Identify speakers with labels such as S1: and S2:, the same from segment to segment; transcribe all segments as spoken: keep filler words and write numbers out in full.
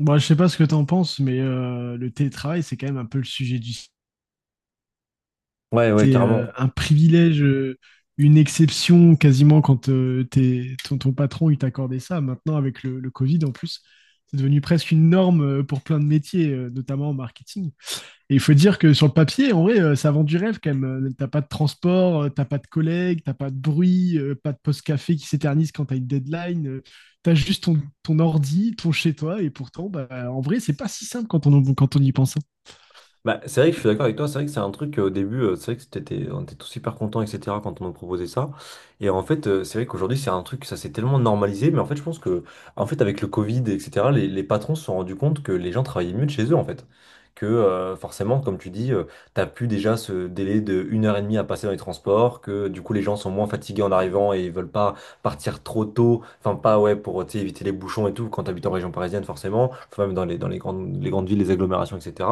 S1: Bon, je sais pas ce que t'en penses, mais euh, le télétravail, c'est quand même un peu le sujet du siècle.
S2: Ouais, ouais,
S1: C'est euh,
S2: carrément.
S1: un privilège, euh, une exception quasiment quand euh, t'es- ton, ton patron il t'accordait ça. Maintenant, avec le, le Covid en plus, c'est devenu presque une norme euh, pour plein de métiers, euh, notamment en marketing. Et il faut dire que sur le papier, en vrai, euh, ça vend du rêve quand même. Euh, T'as pas de transport, euh, t'as pas de collègues, t'as pas de bruit, euh, pas de poste café qui s'éternise quand t'as une deadline. euh, T'as juste ton, ton ordi, ton chez toi, et pourtant, bah, en vrai, c'est pas si simple quand on, quand on y pense, hein.
S2: Bah, c'est vrai que je suis d'accord avec toi, c'est vrai que c'est un truc euh, au début, euh, c'est vrai que c'était, on était tous super contents, et cetera quand on nous proposait ça. Et en fait, euh, c'est vrai qu'aujourd'hui, c'est un truc, ça s'est tellement normalisé, mais en fait, je pense que, en fait, avec le Covid, et cetera, les, les patrons se sont rendus compte que les gens travaillaient mieux de chez eux, en fait. Que euh, forcément, comme tu dis, euh, t'as plus déjà ce délai de une heure et demie à passer dans les transports, que du coup, les gens sont moins fatigués en arrivant et ils veulent pas partir trop tôt, enfin, pas, ouais, pour, tu sais, éviter les bouchons et tout, quand t'habites en région parisienne, forcément, enfin, même dans les, dans les grandes, les grandes villes, les agglomérations, etc,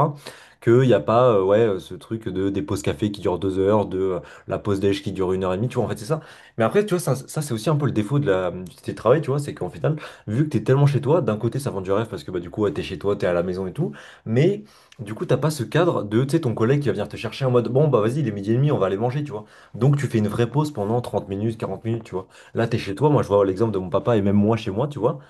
S2: qu'il n'y a pas euh, ouais, euh, ce truc de, des pauses café qui durent deux heures, de euh, la pause déj qui dure une heure et demie, tu vois, en fait, c'est ça. Mais après, tu vois, ça, ça, c'est aussi un peu le défaut de la, du télétravail, tu vois, c'est qu'en final, vu que t'es tellement chez toi, d'un côté, ça vend du rêve parce que bah, du coup, ouais, t'es chez toi, t'es à la maison et tout, mais du coup, t'as pas ce cadre de, tu sais, ton collègue qui va venir te chercher en mode, bon, bah vas-y, il est midi et demi, on va aller manger, tu vois. Donc, tu fais une vraie pause pendant trente minutes, quarante minutes, tu vois. Là, t'es chez toi, moi, je vois l'exemple de mon papa et même moi chez moi, tu vois.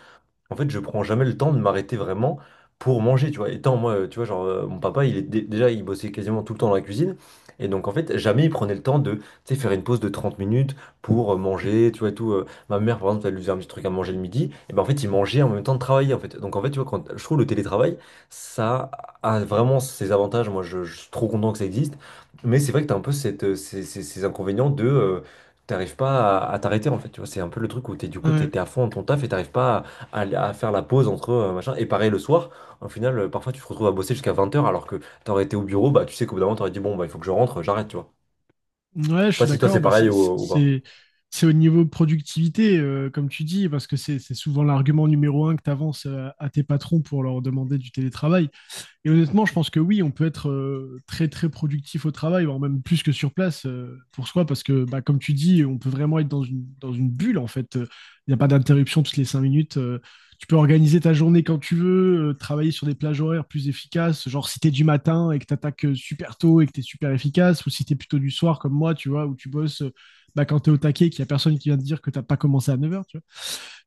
S2: En fait, je prends jamais le temps de m'arrêter vraiment pour manger, tu vois. Étant moi, euh, tu vois, genre, euh, mon papa, il est dé- déjà, il bossait quasiment tout le temps dans la cuisine. Et donc, en fait, jamais il prenait le temps de, tu sais, faire une pause de trente minutes pour euh, manger, tu vois, et tout. euh. Ma mère, par exemple, elle lui faisait un petit truc à manger le midi. Et ben, en fait, il mangeait en même temps de travailler, en fait. Donc, en fait, tu vois, quand, je trouve le télétravail, ça a vraiment ses avantages. Moi, je, je suis trop content que ça existe. Mais c'est vrai que t'as un peu cette, euh, ces, ces- ces inconvénients de... euh, T'arrives pas à, à t'arrêter en fait, tu vois, c'est un peu le truc où t'es du coup t'es
S1: Ouais.
S2: t'es à fond dans ton taf et t'arrives pas à, à faire la pause entre euh, machin. Et pareil le soir, au final, euh, parfois tu te retrouves à bosser jusqu'à vingt heures alors que t'aurais été au bureau, bah tu sais qu'au bout d'un moment t'aurais dit bon bah il faut que je rentre, j'arrête, tu vois.
S1: Ouais,
S2: Je sais
S1: je
S2: pas
S1: suis
S2: si toi c'est
S1: d'accord. Bah,
S2: pareil
S1: c'est
S2: ou,
S1: c'est-
S2: ou pas.
S1: c'est- c'est au niveau productivité, euh, comme tu dis, parce que c'est c'est souvent l'argument numéro un que tu avances à tes patrons pour leur demander du télétravail. Et honnêtement, je pense que oui, on peut être euh, très très productif au travail, voire même plus que sur place euh, pour soi, parce que bah, comme tu dis, on peut vraiment être dans une, dans une bulle en fait. Il n'y a pas d'interruption toutes les cinq minutes. Euh, tu peux organiser ta journée quand tu veux, euh, travailler sur des plages horaires plus efficaces, genre si t'es du matin et que t'attaques euh, super tôt et que t'es super efficace, ou si t'es plutôt du soir comme moi, tu vois, où tu bosses euh, bah, quand t'es au taquet, qu'il n'y a personne qui vient te dire que t'as pas commencé à neuf heures, tu vois.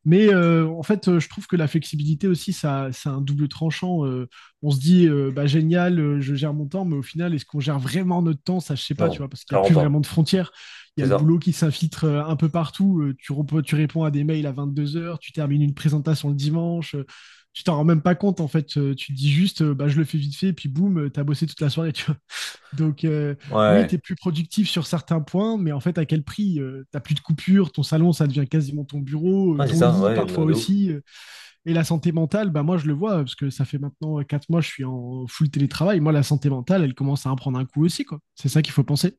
S1: Mais euh, en fait, euh, je trouve que la flexibilité aussi, ça, c'est un double tranchant. Euh, on se dit, euh, bah, génial, euh, je gère mon temps, mais au final, est-ce qu'on gère vraiment notre temps? Ça, je sais pas, tu
S2: Non,
S1: vois, parce qu'il n'y a
S2: clairement
S1: plus vraiment
S2: pas.
S1: de frontières. Il y a
S2: C'est
S1: le
S2: ça.
S1: boulot qui s'infiltre euh, un peu partout. Euh, tu, rep- tu réponds à des mails à vingt-deux heures. Tu termines une présentation le dimanche. Euh, tu t'en rends même pas compte, en fait. Euh, tu te dis juste, euh, bah, je le fais vite fait, et puis boum, euh, t'as bossé toute la soirée, tu donc, euh, oui, tu es
S2: Ouais.
S1: plus productif sur certains points, mais en fait, à quel prix? Euh, t'as plus de coupure, ton salon, ça devient quasiment ton bureau, euh,
S2: Ouais, c'est
S1: ton
S2: ça,
S1: lit
S2: ouais, de
S1: parfois
S2: de ouf.
S1: aussi. Euh, et la santé mentale, bah, moi, je le vois, parce que ça fait maintenant euh, quatre mois, je suis en full télétravail. Moi, la santé mentale, elle commence à en prendre un coup aussi, quoi. C'est ça qu'il faut penser.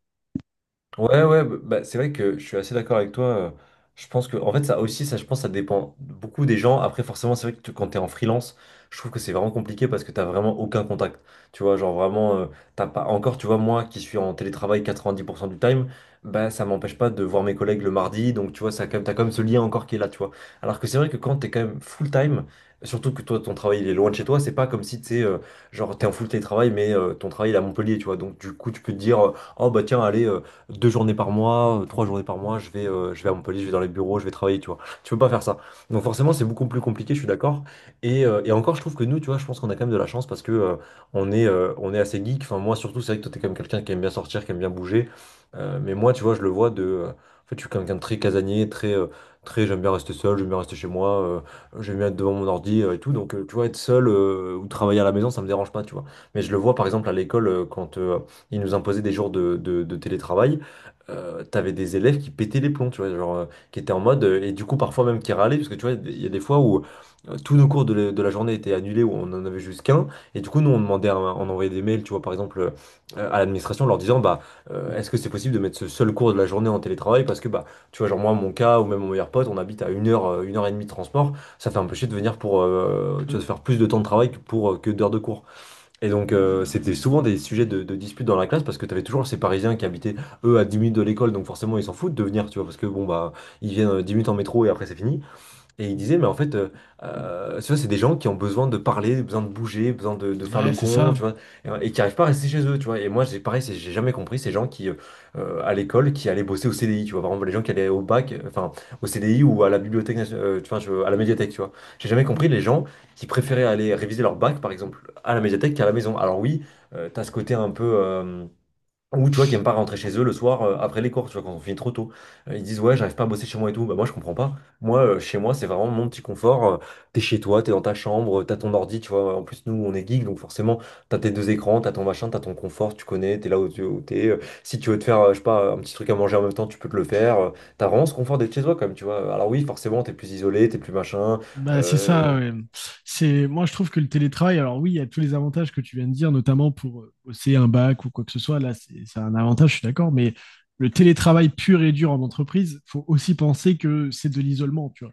S2: Ouais, ouais, bah, bah, c'est vrai que je suis assez d'accord avec toi. euh, Je pense que, en fait, ça aussi, ça, je pense, ça dépend beaucoup des gens. Après, forcément, c'est vrai que tu- quand t'es en freelance, je trouve que c'est vraiment compliqué parce que t'as vraiment aucun contact. Tu vois, genre vraiment, euh, t'as pas encore, tu vois, moi qui suis en télétravail quatre-vingt-dix pour cent du time, bah, ça m'empêche pas de voir mes collègues le mardi. Donc, tu vois, ça, quand même, t'as quand même ce lien encore qui est là, tu vois. Alors que c'est vrai que quand t'es quand même full time, surtout que toi, ton travail, il est loin de chez toi, c'est pas comme si, tu sais, euh, genre, t'es en full télétravail, mais euh, ton travail, il est à Montpellier, tu vois. Donc, du coup, tu peux te dire, euh, oh, bah, tiens, allez deux journées par mois, euh, trois journées par mois, je vais, euh, je vais à Montpellier, je vais dans les bureaux, je vais travailler, tu vois. Tu peux pas faire ça. Donc forcément, c'est beaucoup plus compliqué, je suis d'accord. Et, euh, et encore, je trouve que nous, tu vois, je pense qu'on a quand même de la chance parce que euh, on est, euh, on est assez geek. Enfin, moi surtout, c'est vrai que toi, t'es quand même quelqu'un qui aime bien sortir, qui aime bien bouger. Euh, mais moi, tu vois, je le vois de. Euh, en fait, je suis quelqu'un de très casanier, très, euh, très. J'aime bien rester seul, j'aime bien rester chez moi, euh, j'aime bien être devant mon ordi euh, et tout. Donc, euh, tu vois, être seul euh, ou travailler à la maison, ça me dérange pas, tu vois. Mais je le vois, par exemple, à l'école, euh, quand euh, ils nous imposaient des jours de, de- de télétravail, euh, t'avais des élèves qui pétaient les plombs, tu vois, genre, euh, qui étaient en mode, euh, et du coup parfois même qui râlaient, parce que tu vois, il y a des fois où euh, tous nos cours de la, de la journée étaient annulés, où on en avait juste qu'un, et du coup nous on demandait, à, on envoyait des mails, tu vois, par exemple, euh, à l'administration, en leur disant, bah, euh, est-ce que c'est possible de mettre ce seul cours de la journée en télétravail, parce que, bah, tu vois, genre moi, mon cas, ou même mon meilleur pote, on habite à une heure, euh, une heure et demie de transport, ça fait un peu chier de venir pour, euh, tu vois, de
S1: Ouais,
S2: faire plus de temps de travail que pour, euh, que d'heures de cours. Et donc, euh, c'était souvent des sujets de, de dispute dans la classe parce que tu avais toujours ces Parisiens qui habitaient, eux, à dix minutes de l'école, donc forcément, ils s'en foutent de venir, tu vois, parce que bon, bah, ils viennent euh, dix minutes en métro et après, c'est fini. Et il disait, mais en fait, euh, euh, tu vois, c'est des gens qui ont besoin de parler, besoin de bouger, besoin de, de faire le
S1: ouais, c'est
S2: con, tu
S1: ça.
S2: vois, et, et qui n'arrivent pas à rester chez eux, tu vois. Et moi, j'ai pareil, c'est- j'ai jamais compris ces gens qui, euh, euh, à l'école, qui allaient bosser au C D I, tu vois. Par exemple, les gens qui allaient au bac, euh, enfin, au C D I ou à la bibliothèque, nation- euh, tu vois, je- à la médiathèque, tu vois. J'ai jamais compris les gens qui préféraient aller réviser leur bac, par exemple, à la médiathèque qu'à la maison. Alors oui, tu as ce côté un peu. euh, ou tu vois, qui aiment pas rentrer chez eux le soir euh, après les cours, tu vois, quand on finit trop tôt. Euh, ils disent, ouais, j'arrive pas à bosser chez moi et tout. Bah, moi, je comprends pas. Moi, euh, chez moi, c'est vraiment mon petit confort. Euh, t'es chez toi, t'es dans ta chambre, euh, t'as ton ordi, tu vois. En plus, nous, on est geeks, donc forcément, t'as tes deux écrans, t'as ton machin, t'as ton confort, tu connais, t'es là où tu où t'es. Euh, si tu veux te faire, euh, je sais pas, un petit truc à manger en même temps, tu peux te le faire. Euh, t'as vraiment ce confort d'être chez toi, quand même, tu vois. Alors oui, forcément, t'es plus isolé, t'es plus machin.
S1: Bah, c'est
S2: Euh,
S1: ça, ouais. C'est, moi, je trouve que le télétravail, alors oui, il y a tous les avantages que tu viens de dire, notamment pour euh, bosser un bac ou quoi que ce soit. Là, c'est c'est un avantage, je suis d'accord, mais le télétravail pur et dur en entreprise, faut aussi penser que c'est de l'isolement, tu vois.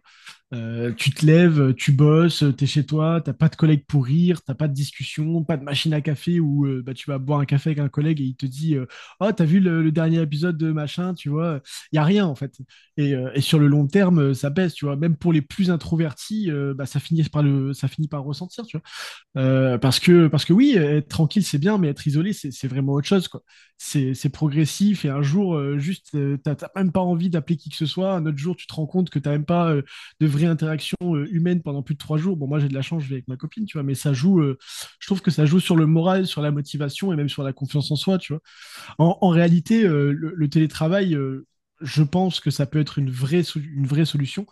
S1: Euh, tu te lèves, tu bosses, t'es chez toi, t'as pas de collègue pour rire, t'as pas de discussion, pas de machine à café où euh, bah, tu vas boire un café avec un collègue et il te dit euh, oh, t'as vu le, le dernier épisode de machin, tu vois. Il y a rien en fait. Et, euh, et sur le long terme, euh, ça baisse, tu vois. Même pour les plus introvertis, euh, bah, ça, finit par le, ça finit par ressentir, tu vois. Euh, parce que parce que oui, être tranquille c'est bien, mais être isolé c'est c'est vraiment autre chose quoi. C'est c'est progressif et un jour euh, juste euh, t'as t'as même pas envie d'appeler qui que ce soit. Un autre jour tu te rends compte que t'as même pas euh, de vraie interaction euh, humaine pendant plus de trois jours. Bon moi j'ai de la chance, je vais avec ma copine tu vois, mais ça joue. Euh, je trouve que ça joue sur le moral, sur la motivation et même sur la confiance en soi tu vois. En, en réalité euh, le, le télétravail, euh, je pense que ça peut être une vraie so- une vraie solution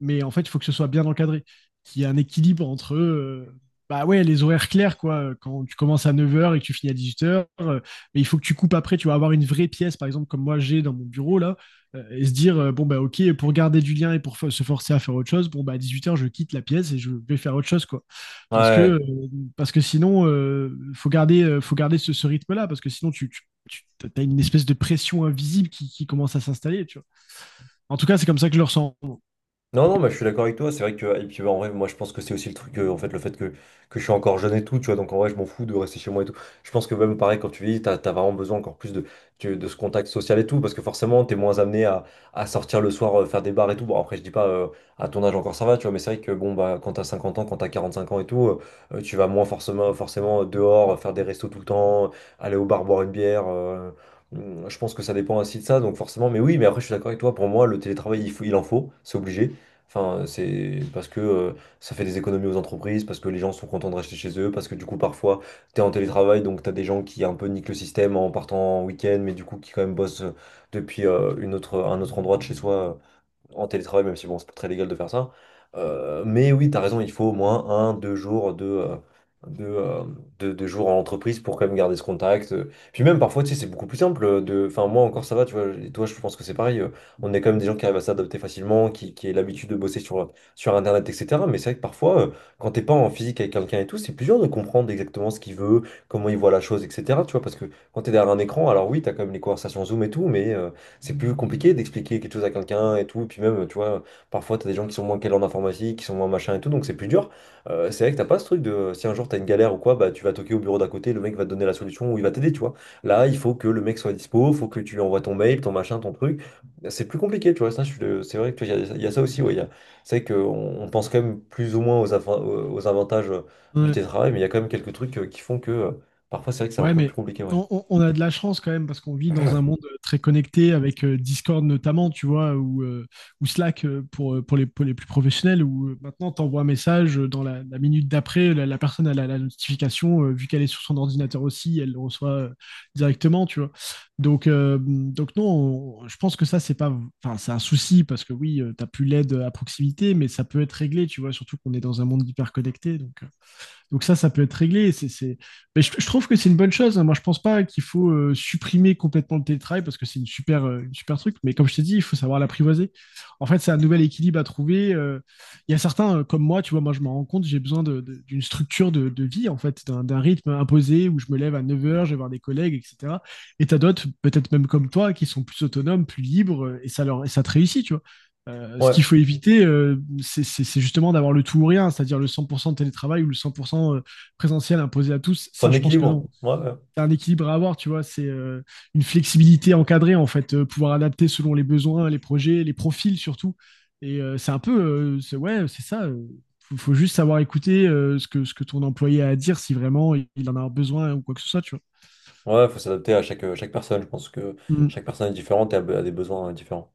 S1: mais en fait, il faut que ce soit bien encadré, qu'il y ait un équilibre entre euh, bah ouais, les horaires clairs, quoi. Quand tu commences à neuf heures et que tu finis à dix-huit heures, euh, mais il faut que tu coupes après, tu vas avoir une vraie pièce, par exemple, comme moi j'ai dans mon bureau, là, euh, et se dire, euh, bon, bah ok, pour garder du lien et pour se forcer à faire autre chose, bon, bah à dix-huit heures je quitte la pièce et je vais faire autre chose, quoi. Parce que, euh,
S2: Ouais.
S1: parce que sinon, il faut garder, euh, faut garder ce, ce rythme-là, parce que sinon, tu, tu, tu as une espèce de pression invisible qui, qui commence à s'installer, tu vois. En tout cas, c'est comme ça que je le ressens.
S2: Non, non, mais je suis d'accord avec toi. C'est vrai que, et puis bah, en vrai, moi je pense que c'est aussi le truc, euh, en fait, le fait que, que je suis encore jeune et tout, tu vois. Donc en vrai, je m'en fous de rester chez moi et tout. Je pense que même pareil, quand tu vis, t'as, t'as vraiment besoin encore plus de, tu- de ce contact social et tout, parce que forcément, t'es moins amené à, à sortir le soir, euh, faire des bars et tout. Bon, après, je dis pas euh, à ton âge encore ça va, tu vois, mais c'est vrai que bon, bah, quand t'as cinquante ans, quand t'as quarante cinq ans et tout, euh, euh, tu vas moins forcément, forcément dehors, euh, faire des restos tout le temps, aller au bar, boire une bière. euh, hum, Je pense que ça dépend aussi de ça, donc forcément, mais oui, mais après, je suis d'accord avec toi. Pour moi, le télétravail, il faut, il en faut, c'est obligé. Enfin, c'est parce que euh, ça fait des économies aux entreprises, parce que les gens sont contents de rester chez eux, parce que du coup, parfois, t'es en télétravail, donc t'as des gens qui un peu niquent le système en partant en week-end, mais du coup, qui quand même bossent euh, depuis euh, une autre, un autre endroit de chez soi en télétravail, même si bon, c'est pas très légal de faire ça. Euh, mais oui, t'as raison, il faut au moins un, deux jours de, euh, de, euh, de- de jours en entreprise pour quand même garder ce contact. Euh, Puis même parfois, tu sais, c'est beaucoup plus simple euh, de. Enfin, moi encore ça va, tu vois, et toi, je pense que c'est pareil. euh, On est quand même des gens qui arrivent à s'adapter facilement, qui, qui aient l'habitude de bosser sur, sur Internet, et cetera. Mais c'est vrai que parfois, euh, quand t'es pas en physique avec quelqu'un et tout, c'est plus dur de comprendre exactement ce qu'il veut, comment il voit la chose, et cetera. Tu vois, parce que quand t'es derrière un écran, alors oui, t'as quand même les conversations Zoom et tout, mais. euh, c'est plus compliqué d'expliquer quelque chose à quelqu'un et tout. Et puis même, tu vois, parfois, t'as des gens qui sont moins calés en informatique, qui sont moins machin et tout, donc c'est plus dur. Euh, c'est vrai que t'as pas ce truc de si un jour t'as une galère ou quoi, bah tu vas toquer au bureau d'à côté, le mec va te donner la solution ou il va t'aider, tu vois. Là, il faut que le mec soit dispo, faut que tu lui envoies ton mail, ton machin, ton truc. C'est plus compliqué, tu vois. Ça, je suis de- c'est vrai que tu vois, il y, a il y a ça aussi, ouais. il y a- C'est vrai qu'on on pense quand même plus ou moins aux, avan- aux avantages euh, du
S1: Ouais.
S2: télétravail, mais il y a quand même quelques trucs euh, qui font que euh, parfois, c'est vrai que c'est un
S1: Ouais,
S2: peu plus
S1: mais
S2: compliqué, ouais.
S1: on, on- on a de la chance quand même parce qu'on vit dans un monde très connecté avec euh, Discord notamment, tu vois, ou, euh, ou Slack euh, pour, euh, pour les, pour les plus professionnels, où euh, maintenant tu envoies un message euh, dans la, la minute d'après, la, la personne elle a la notification, euh, vu qu'elle est sur son ordinateur aussi, elle le reçoit euh, directement, tu vois. Donc, euh, donc non, on- je pense que ça, c'est pas, enfin, c'est un souci parce que oui, tu t'as plus l'aide à proximité, mais ça peut être réglé, tu vois, surtout qu'on est dans un monde hyper connecté, donc. Euh, donc ça, ça peut être réglé. C'est, c'est... Mais je, je, trouve que c'est une bonne chose, hein. Moi, je pense pas qu'il faut euh, supprimer complètement le télétravail parce que c'est une super, euh, une super truc. Mais comme je t'ai dit, il faut savoir l'apprivoiser. En fait, c'est un nouvel équilibre à trouver. Euh, il y a certains euh, comme moi, tu vois, moi je me rends compte, j'ai besoin de, de, d'une structure de, de, vie, en fait, d'un, d'un rythme imposé où je me lève à neuf heures, je vais voir des collègues, et cetera. Et t'as d'autres, peut-être même comme toi, qui sont plus autonomes, plus libres, euh, et ça leur et ça te réussit, tu vois. Euh, ce
S2: Ouais,
S1: qu'il faut éviter, euh, c'est c'est- c'est justement d'avoir le tout ou rien, c'est-à-dire le cent pour cent de télétravail ou le cent pour cent euh, présentiel imposé à tous.
S2: faut
S1: Ça,
S2: un
S1: je pense que
S2: équilibre.
S1: non.
S2: Ouais, ouais.
S1: C'est un équilibre à avoir, tu vois. C'est euh, une flexibilité encadrée, en fait, euh, pouvoir adapter selon les besoins, les projets, les profils surtout. Et euh, c'est un peu, euh, c'est- ouais, c'est ça. Euh, faut, faut juste savoir écouter euh, ce que, ce que ton employé a à dire si vraiment il en a besoin ou quoi que ce soit, tu
S2: Ouais, faut s'adapter à chaque, euh, chaque personne. Je pense que chaque
S1: vois.
S2: personne est différente et a be- a des besoins euh, différents.